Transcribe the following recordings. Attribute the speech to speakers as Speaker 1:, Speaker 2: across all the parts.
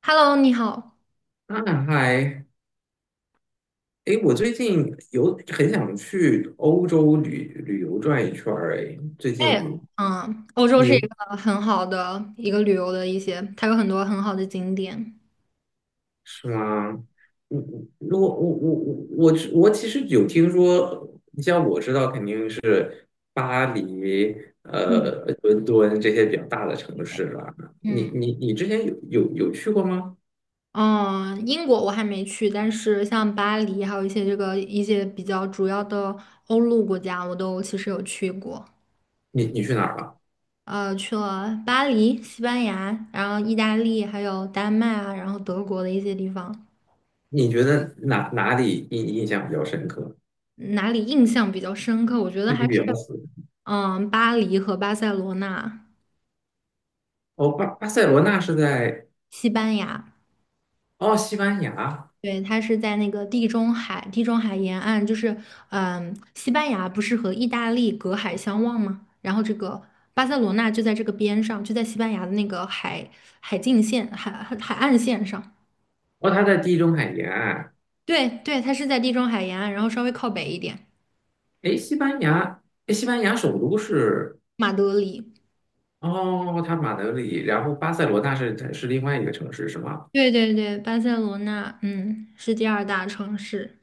Speaker 1: Hello，你好。
Speaker 2: 嗨，我最近有很想去欧洲旅游转一圈儿，最
Speaker 1: 哎，
Speaker 2: 近
Speaker 1: 欧洲
Speaker 2: 你
Speaker 1: 是一
Speaker 2: 有
Speaker 1: 个很好的一个旅游的一些，它有很多很好的景点。
Speaker 2: 是吗？嗯，我我我我我我其实有听说，你像我知道肯定是巴黎、
Speaker 1: 嗯，
Speaker 2: 伦敦这些比较大的城市了。你
Speaker 1: 嗯
Speaker 2: 你你之前有去过吗？
Speaker 1: 嗯，英国我还没去，但是像巴黎，还有一些这个一些比较主要的欧陆国家，我都其实有去过。
Speaker 2: 你去哪儿了？
Speaker 1: 去了巴黎、西班牙，然后意大利，还有丹麦啊，然后德国的一些地方。
Speaker 2: 你觉得哪里印象比较深刻？
Speaker 1: 哪里印象比较深刻？我觉得
Speaker 2: 对
Speaker 1: 还
Speaker 2: 你
Speaker 1: 是
Speaker 2: 比较死？
Speaker 1: 巴黎和巴塞罗那、
Speaker 2: 哦，巴塞罗那是在。
Speaker 1: 西班牙。
Speaker 2: 哦，西班牙，
Speaker 1: 对，它是在那个地中海，地中海沿岸，就是，西班牙不是和意大利隔海相望吗？然后这个巴塞罗那就在这个边上，就在西班牙的那个海海境线、海海海岸线上。
Speaker 2: 哦，它在地中海沿岸。
Speaker 1: 对对，它是在地中海沿岸，然后稍微靠北一点。
Speaker 2: 诶，西班牙，诶，西班牙首都是
Speaker 1: 马德里。
Speaker 2: 哦，它马德里，然后巴塞罗那是另外一个城市，是吗？
Speaker 1: 对对对，巴塞罗那，是第二大城市。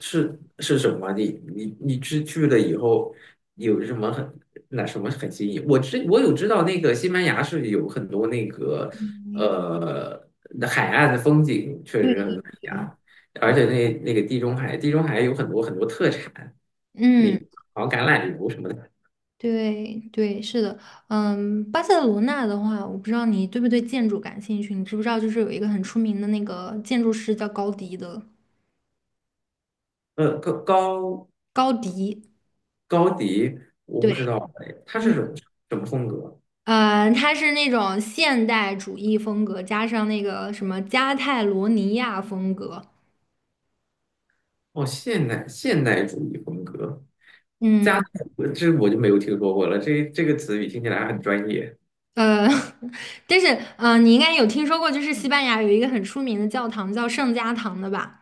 Speaker 2: 是是什么？你去了以后有什么很那什么很新引？我有知道那个西班牙是有很多那个呃那海岸的风景，确实很美
Speaker 1: 对。
Speaker 2: 呀。而且那个地中海，地中海有很多很多特产，那
Speaker 1: 嗯。
Speaker 2: 好像橄榄油什么的。
Speaker 1: 对对，是的，巴塞罗那的话，我不知道你对不对建筑感兴趣，你知不知道就是有一个很出名的那个建筑师叫高迪的。
Speaker 2: 呃，高高
Speaker 1: 高迪。
Speaker 2: 高迪，我不知
Speaker 1: 对。
Speaker 2: 道哦哎，他
Speaker 1: 嗯。
Speaker 2: 是什么什么风格？
Speaker 1: 他是那种现代主义风格加上那个什么加泰罗尼亚风格。
Speaker 2: 哦，现代主义风格，加
Speaker 1: 嗯，
Speaker 2: 我这我就没有听说过了。这个词语听起来很专业。
Speaker 1: 呃，但是你应该有听说过，就是西班牙有一个很出名的教堂叫圣家堂的吧？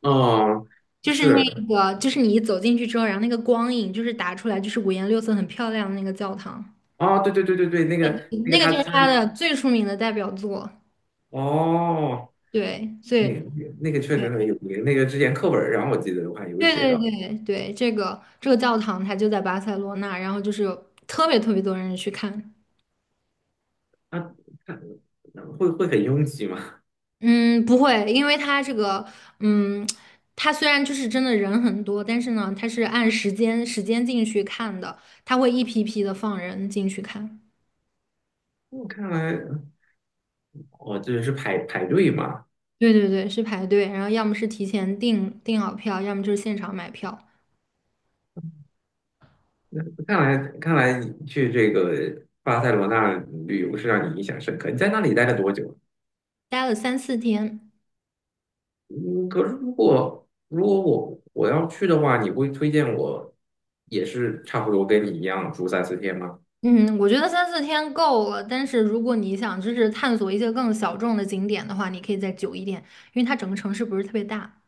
Speaker 2: 哦，
Speaker 1: 就是那
Speaker 2: 是
Speaker 1: 个，就是你一走进去之后，然后那个光影就是打出来，就是五颜六色、很漂亮的那个教堂。
Speaker 2: 哦，对，那个那
Speaker 1: 那
Speaker 2: 个
Speaker 1: 个
Speaker 2: 他
Speaker 1: 就是
Speaker 2: 他
Speaker 1: 他的最出名的代表作。
Speaker 2: 哦，
Speaker 1: 对，所
Speaker 2: 那
Speaker 1: 以
Speaker 2: 个那个确实很有名。那个之前课本上我记得我还有
Speaker 1: 对
Speaker 2: 写
Speaker 1: 对
Speaker 2: 到，
Speaker 1: 对对，这个教堂它就在巴塞罗那，然后就是有特别特别多人去看。
Speaker 2: 他他会会很拥挤吗？
Speaker 1: 嗯，不会，因为它这个，嗯，它虽然就是真的人很多，但是呢，它是按时间进去看的，它会一批批的放人进去看。
Speaker 2: 我看来哦，这是排队嘛。
Speaker 1: 对对对，是排队，然后要么是提前订好票，要么就是现场买票。
Speaker 2: 那看来看来你去这个巴塞罗那旅游是让你印象深刻。你在那里待了多久？
Speaker 1: 待了三四天。
Speaker 2: 嗯，可是如果如果我要去的话，你会推荐我也是差不多跟你一样住三四天吗？
Speaker 1: 嗯，我觉得三四天够了，但是如果你想就是探索一些更小众的景点的话，你可以再久一点，因为它整个城市不是特别大。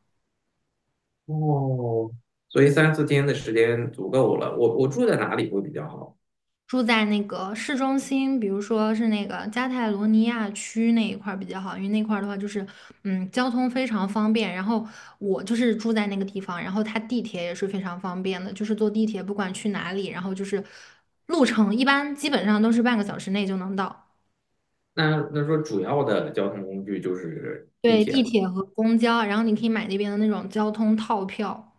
Speaker 2: 哦，所以三四天的时间足够了。我住在哪里会比较好？
Speaker 1: 住在那个市中心，比如说是那个加泰罗尼亚区那一块儿比较好，因为那块儿的话就是，交通非常方便。然后我就是住在那个地方，然后它地铁也是非常方便的，就是坐地铁不管去哪里，然后就是路程一般基本上都是半个小时内就能到。
Speaker 2: 那那说主要的交通工具就是地
Speaker 1: 对，地
Speaker 2: 铁，
Speaker 1: 铁和公交，然后你可以买那边的那种交通套票，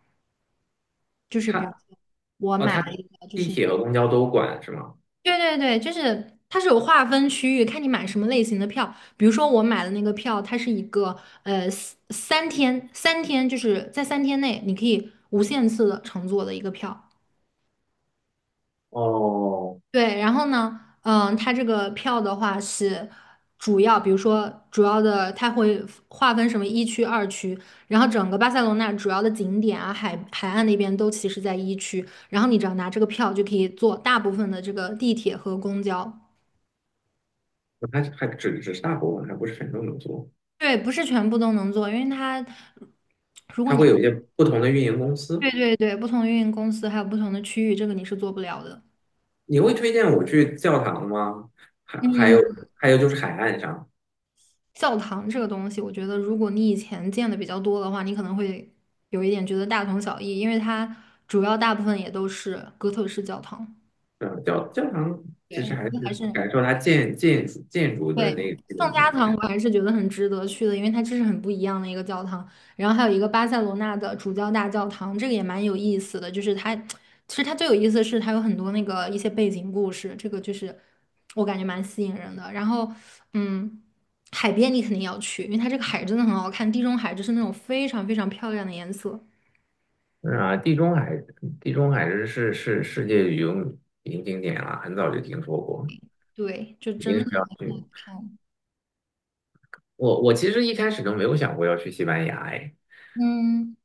Speaker 1: 就是比如
Speaker 2: 它
Speaker 1: 说我
Speaker 2: 哦
Speaker 1: 买
Speaker 2: 它
Speaker 1: 了一个，就
Speaker 2: 地
Speaker 1: 是。
Speaker 2: 铁和公交都管是吗？
Speaker 1: 对对对，就是它是有划分区域，看你买什么类型的票。比如说我买的那个票，它是一个三天就是在三天内你可以无限次的乘坐的一个票。
Speaker 2: 哦，
Speaker 1: 对，然后呢，它这个票的话是主要，比如说主要的，它会划分什么一区、二区，然后整个巴塞罗那主要的景点啊、海岸那边都其实在一区，然后你只要拿这个票就可以坐大部分的这个地铁和公交。
Speaker 2: 它还只是大部分，还不是很多能做。
Speaker 1: 对，不是全部都能做，因为它如果
Speaker 2: 它
Speaker 1: 你
Speaker 2: 会有一些不同的运营公
Speaker 1: 对
Speaker 2: 司。
Speaker 1: 对对，不同的运营公司还有不同的区域，这个你是做不了的。
Speaker 2: 你会推荐我去教堂吗？还有
Speaker 1: 嗯，
Speaker 2: 还有就是海岸上，
Speaker 1: 教堂这个东西，我觉得如果你以前见的比较多的话，你可能会有一点觉得大同小异，因为它主要大部分也都是哥特式教堂。
Speaker 2: 嗯，教教堂其
Speaker 1: 对，
Speaker 2: 实
Speaker 1: 我觉
Speaker 2: 还
Speaker 1: 得还
Speaker 2: 是
Speaker 1: 是。
Speaker 2: 感受它建筑的
Speaker 1: 对，
Speaker 2: 那个
Speaker 1: 圣
Speaker 2: 美
Speaker 1: 家堂
Speaker 2: 感。
Speaker 1: 我还是觉得很值得去的，因为它这是很不一样的一个教堂。然后还有一个巴塞罗那的主教大教堂，这个也蛮有意思的。就是它，其实它最有意思的是它有很多那个一些背景故事，这个就是我感觉蛮吸引人的。然后，嗯，海边你肯定要去，因为它这个海真的很好看，地中海就是那种非常非常漂亮的颜色。
Speaker 2: 嗯啊，地中海地中海是是世界旅游名景点了，很早就听说过，
Speaker 1: 对，就
Speaker 2: 一定
Speaker 1: 真的
Speaker 2: 是要去。
Speaker 1: 看。
Speaker 2: 我其实一开始都没有想过要去西班牙，哎。
Speaker 1: 嗯。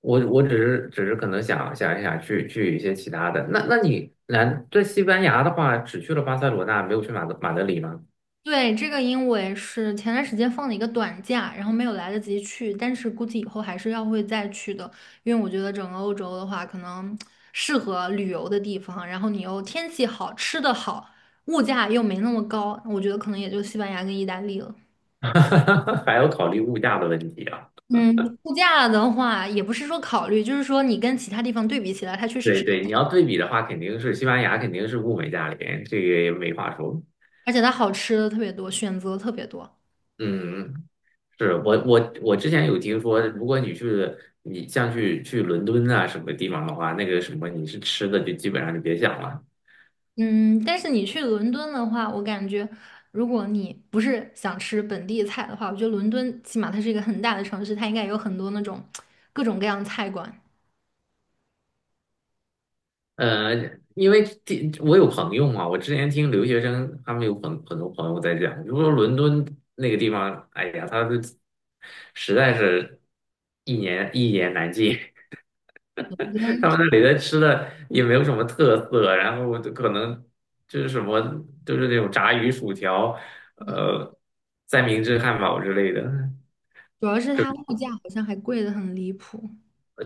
Speaker 2: 我只是可能想去一些其他的。那你来在西班牙的话，只去了巴塞罗那，没有去马德里吗？
Speaker 1: 对，这个因为是前段时间放了一个短假，然后没有来得及去，但是估计以后还是要会再去的，因为我觉得整个欧洲的话，可能适合旅游的地方，然后你又天气好，吃的好，物价又没那么高，我觉得可能也就西班牙跟意大利了。
Speaker 2: 还要考虑物价的问题啊。
Speaker 1: 嗯，物价的话也不是说考虑，就是说你跟其他地方对比起来，它确实
Speaker 2: 对
Speaker 1: 是，
Speaker 2: 对，你要对比的话，肯定是西班牙肯定是物美价廉，这个也没话说。
Speaker 1: 而且它好吃的特别多，选择特别多。
Speaker 2: 嗯，是我之前有听说，如果你去你像去伦敦啊什么地方的话，那个什么你是吃的就基本上就别想了。
Speaker 1: 嗯，但是你去伦敦的话，我感觉如果你不是想吃本地菜的话，我觉得伦敦起码它是一个很大的城市，它应该有很多那种各种各样的菜馆。
Speaker 2: 呃，因为第我有朋友嘛，我之前听留学生他们有很多朋友在讲，就说伦敦那个地方，哎呀，他的实在是一言难尽，他们那里的吃的也没有什么特色，然后就可能就是什么就是那种炸鱼薯条，呃，三明治汉堡之类的。
Speaker 1: 主要是它物
Speaker 2: 可
Speaker 1: 价好像还贵得很离谱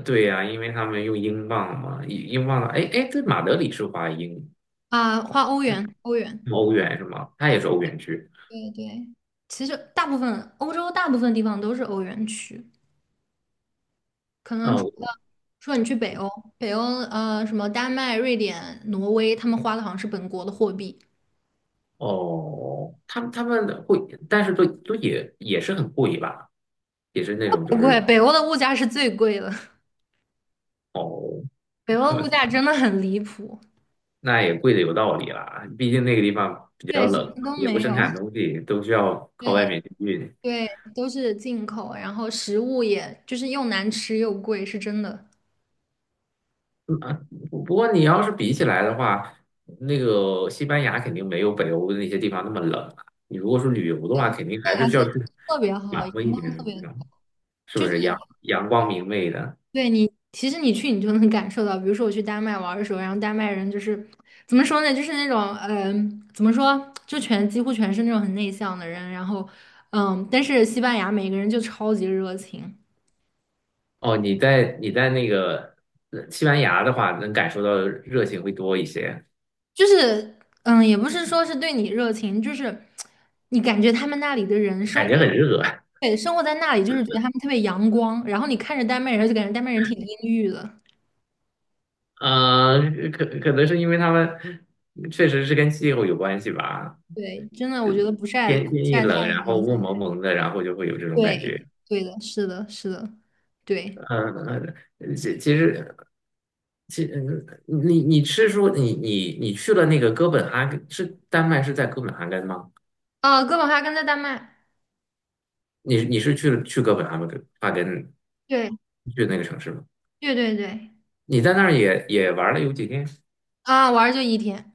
Speaker 2: 对呀、因为他们用英镑嘛，英镑，哎，对，马德里是花英
Speaker 1: 啊，花欧元，欧元。
Speaker 2: 欧元是吗？它也是欧元区。
Speaker 1: 对对，其实大部分欧洲大部分地方都是欧元区，可能除了你去北欧，北欧什么丹麦、瑞典、挪威，他们花的好像是本国的货币。
Speaker 2: 哦，他们会，但是都也是很贵吧，也是那种就
Speaker 1: 不贵，
Speaker 2: 是
Speaker 1: 北欧的物价是最贵的。
Speaker 2: 哦，
Speaker 1: 北欧 物价真的很离谱。
Speaker 2: 那也贵的有道理啦，毕竟那个地方比较
Speaker 1: 对，什
Speaker 2: 冷，
Speaker 1: 么都
Speaker 2: 也不
Speaker 1: 没有
Speaker 2: 生产东 西，都需要靠外
Speaker 1: 对
Speaker 2: 面去运。
Speaker 1: 对，都是进口，然后食物也就是又难吃又贵，是真的。
Speaker 2: 嗯啊，不过你要是比起来的话，那个西班牙肯定没有北欧的那些地方那么冷啊。你如果是旅游的
Speaker 1: 对，
Speaker 2: 话，肯定
Speaker 1: 这
Speaker 2: 还是
Speaker 1: 两
Speaker 2: 需要
Speaker 1: 天
Speaker 2: 去
Speaker 1: 特别好，
Speaker 2: 暖
Speaker 1: 阳
Speaker 2: 和一点
Speaker 1: 光
Speaker 2: 的
Speaker 1: 特别，
Speaker 2: 地方，是不
Speaker 1: 就是
Speaker 2: 是阳光明媚的？
Speaker 1: 对你，其实你去你就能感受到，比如说我去丹麦玩的时候，然后丹麦人就是怎么说呢，就是那种怎么说，就全几乎全是那种很内向的人，然后但是西班牙每个人就超级热情。
Speaker 2: 哦，你在那个西班牙的话，能感受到的热情会多一些，
Speaker 1: 就是，也不是说是对你热情，就是你感觉他们那里的人生
Speaker 2: 感觉很
Speaker 1: 活，
Speaker 2: 热。
Speaker 1: 对，生活在那里，就是觉得他们特别阳光，然后你看着丹麦人，就感觉丹麦人挺阴郁的。
Speaker 2: 呃，可能是因为他们确实是跟气候有关系吧，
Speaker 1: 对，真的，我觉得不晒不
Speaker 2: 天一
Speaker 1: 晒太
Speaker 2: 冷，
Speaker 1: 阳，
Speaker 2: 然后雾蒙蒙的，然后就会有这种感觉。
Speaker 1: 对，对的，是的，是的，对。
Speaker 2: 嗯，呃其其实其嗯你是说你去了那个哥本哈根，是丹麦是在哥本哈根吗？
Speaker 1: 啊，哥本哈根在丹麦。
Speaker 2: 你是去了去哥本哈根哈根
Speaker 1: 对。
Speaker 2: 去那个城市吗？
Speaker 1: 对对对。
Speaker 2: 你在那儿也玩了有几天？
Speaker 1: 啊，玩儿就一天。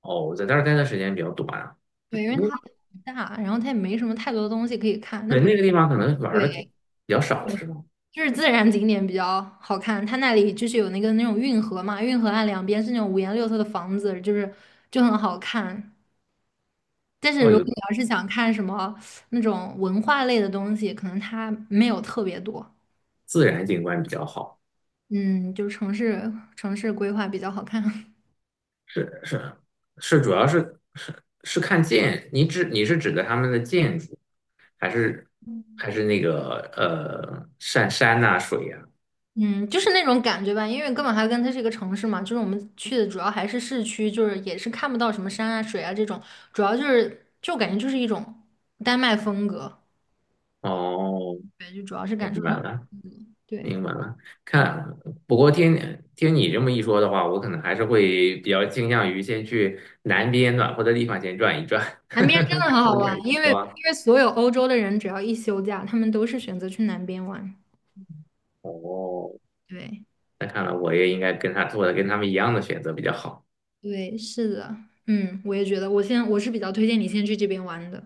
Speaker 2: 哦，我在那儿待的时间比较短啊。
Speaker 1: 对，因为
Speaker 2: 不
Speaker 1: 它很大，然后它也没什么太多的东西可以看，那
Speaker 2: 对，
Speaker 1: 比如，
Speaker 2: 那个地方可能玩的
Speaker 1: 对。
Speaker 2: 比较少，是吧？
Speaker 1: 就是自然景点比较好看，它那里就是有那个那种运河嘛，运河岸两边是那种五颜六色的房子，就是就很好看。但是
Speaker 2: 哦，
Speaker 1: 如果
Speaker 2: 有
Speaker 1: 你要是想看什么那种文化类的东西，可能它没有特别多。
Speaker 2: 自然景观比较好，
Speaker 1: 嗯，就是城市规划比较好看。
Speaker 2: 是是，主要是看建，你是指的他们的建筑，还是还是那个山呐、水呀、
Speaker 1: 嗯，就是那种感觉吧，因为哥本哈根它是一个城市嘛，就是我们去的主要还是市区，就是也是看不到什么山啊、水啊这种，主要就是就感觉就是一种丹麦风格。
Speaker 2: 哦，
Speaker 1: 对，就主要是感受
Speaker 2: 明
Speaker 1: 那
Speaker 2: 白
Speaker 1: 种
Speaker 2: 了，
Speaker 1: 风格。对。
Speaker 2: 明白了。看，不过听你这么一说的话，我可能还是会比较倾向于先去南边暖和的地方先转一转，感
Speaker 1: 南边真的很好
Speaker 2: 受一下
Speaker 1: 玩，
Speaker 2: 阳
Speaker 1: 因为
Speaker 2: 光。
Speaker 1: 所有欧洲的人只要一休假，他们都是选择去南边玩。
Speaker 2: 哦，
Speaker 1: 对
Speaker 2: 那看来我也应该跟他做的跟他们一样的选择比较好。
Speaker 1: 对，是的，我也觉得，我是比较推荐你先去这边玩的。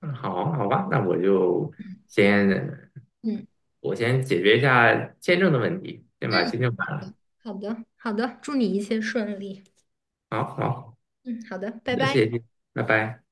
Speaker 2: 嗯，好，好吧，那我就
Speaker 1: 嗯
Speaker 2: 先
Speaker 1: 嗯
Speaker 2: 我先解决一下签证的问题，先把
Speaker 1: 嗯，
Speaker 2: 签证办了。
Speaker 1: 好的好的，祝你一切顺利。
Speaker 2: 好好，
Speaker 1: 嗯，好的，拜
Speaker 2: 那
Speaker 1: 拜。
Speaker 2: 谢谢，拜拜。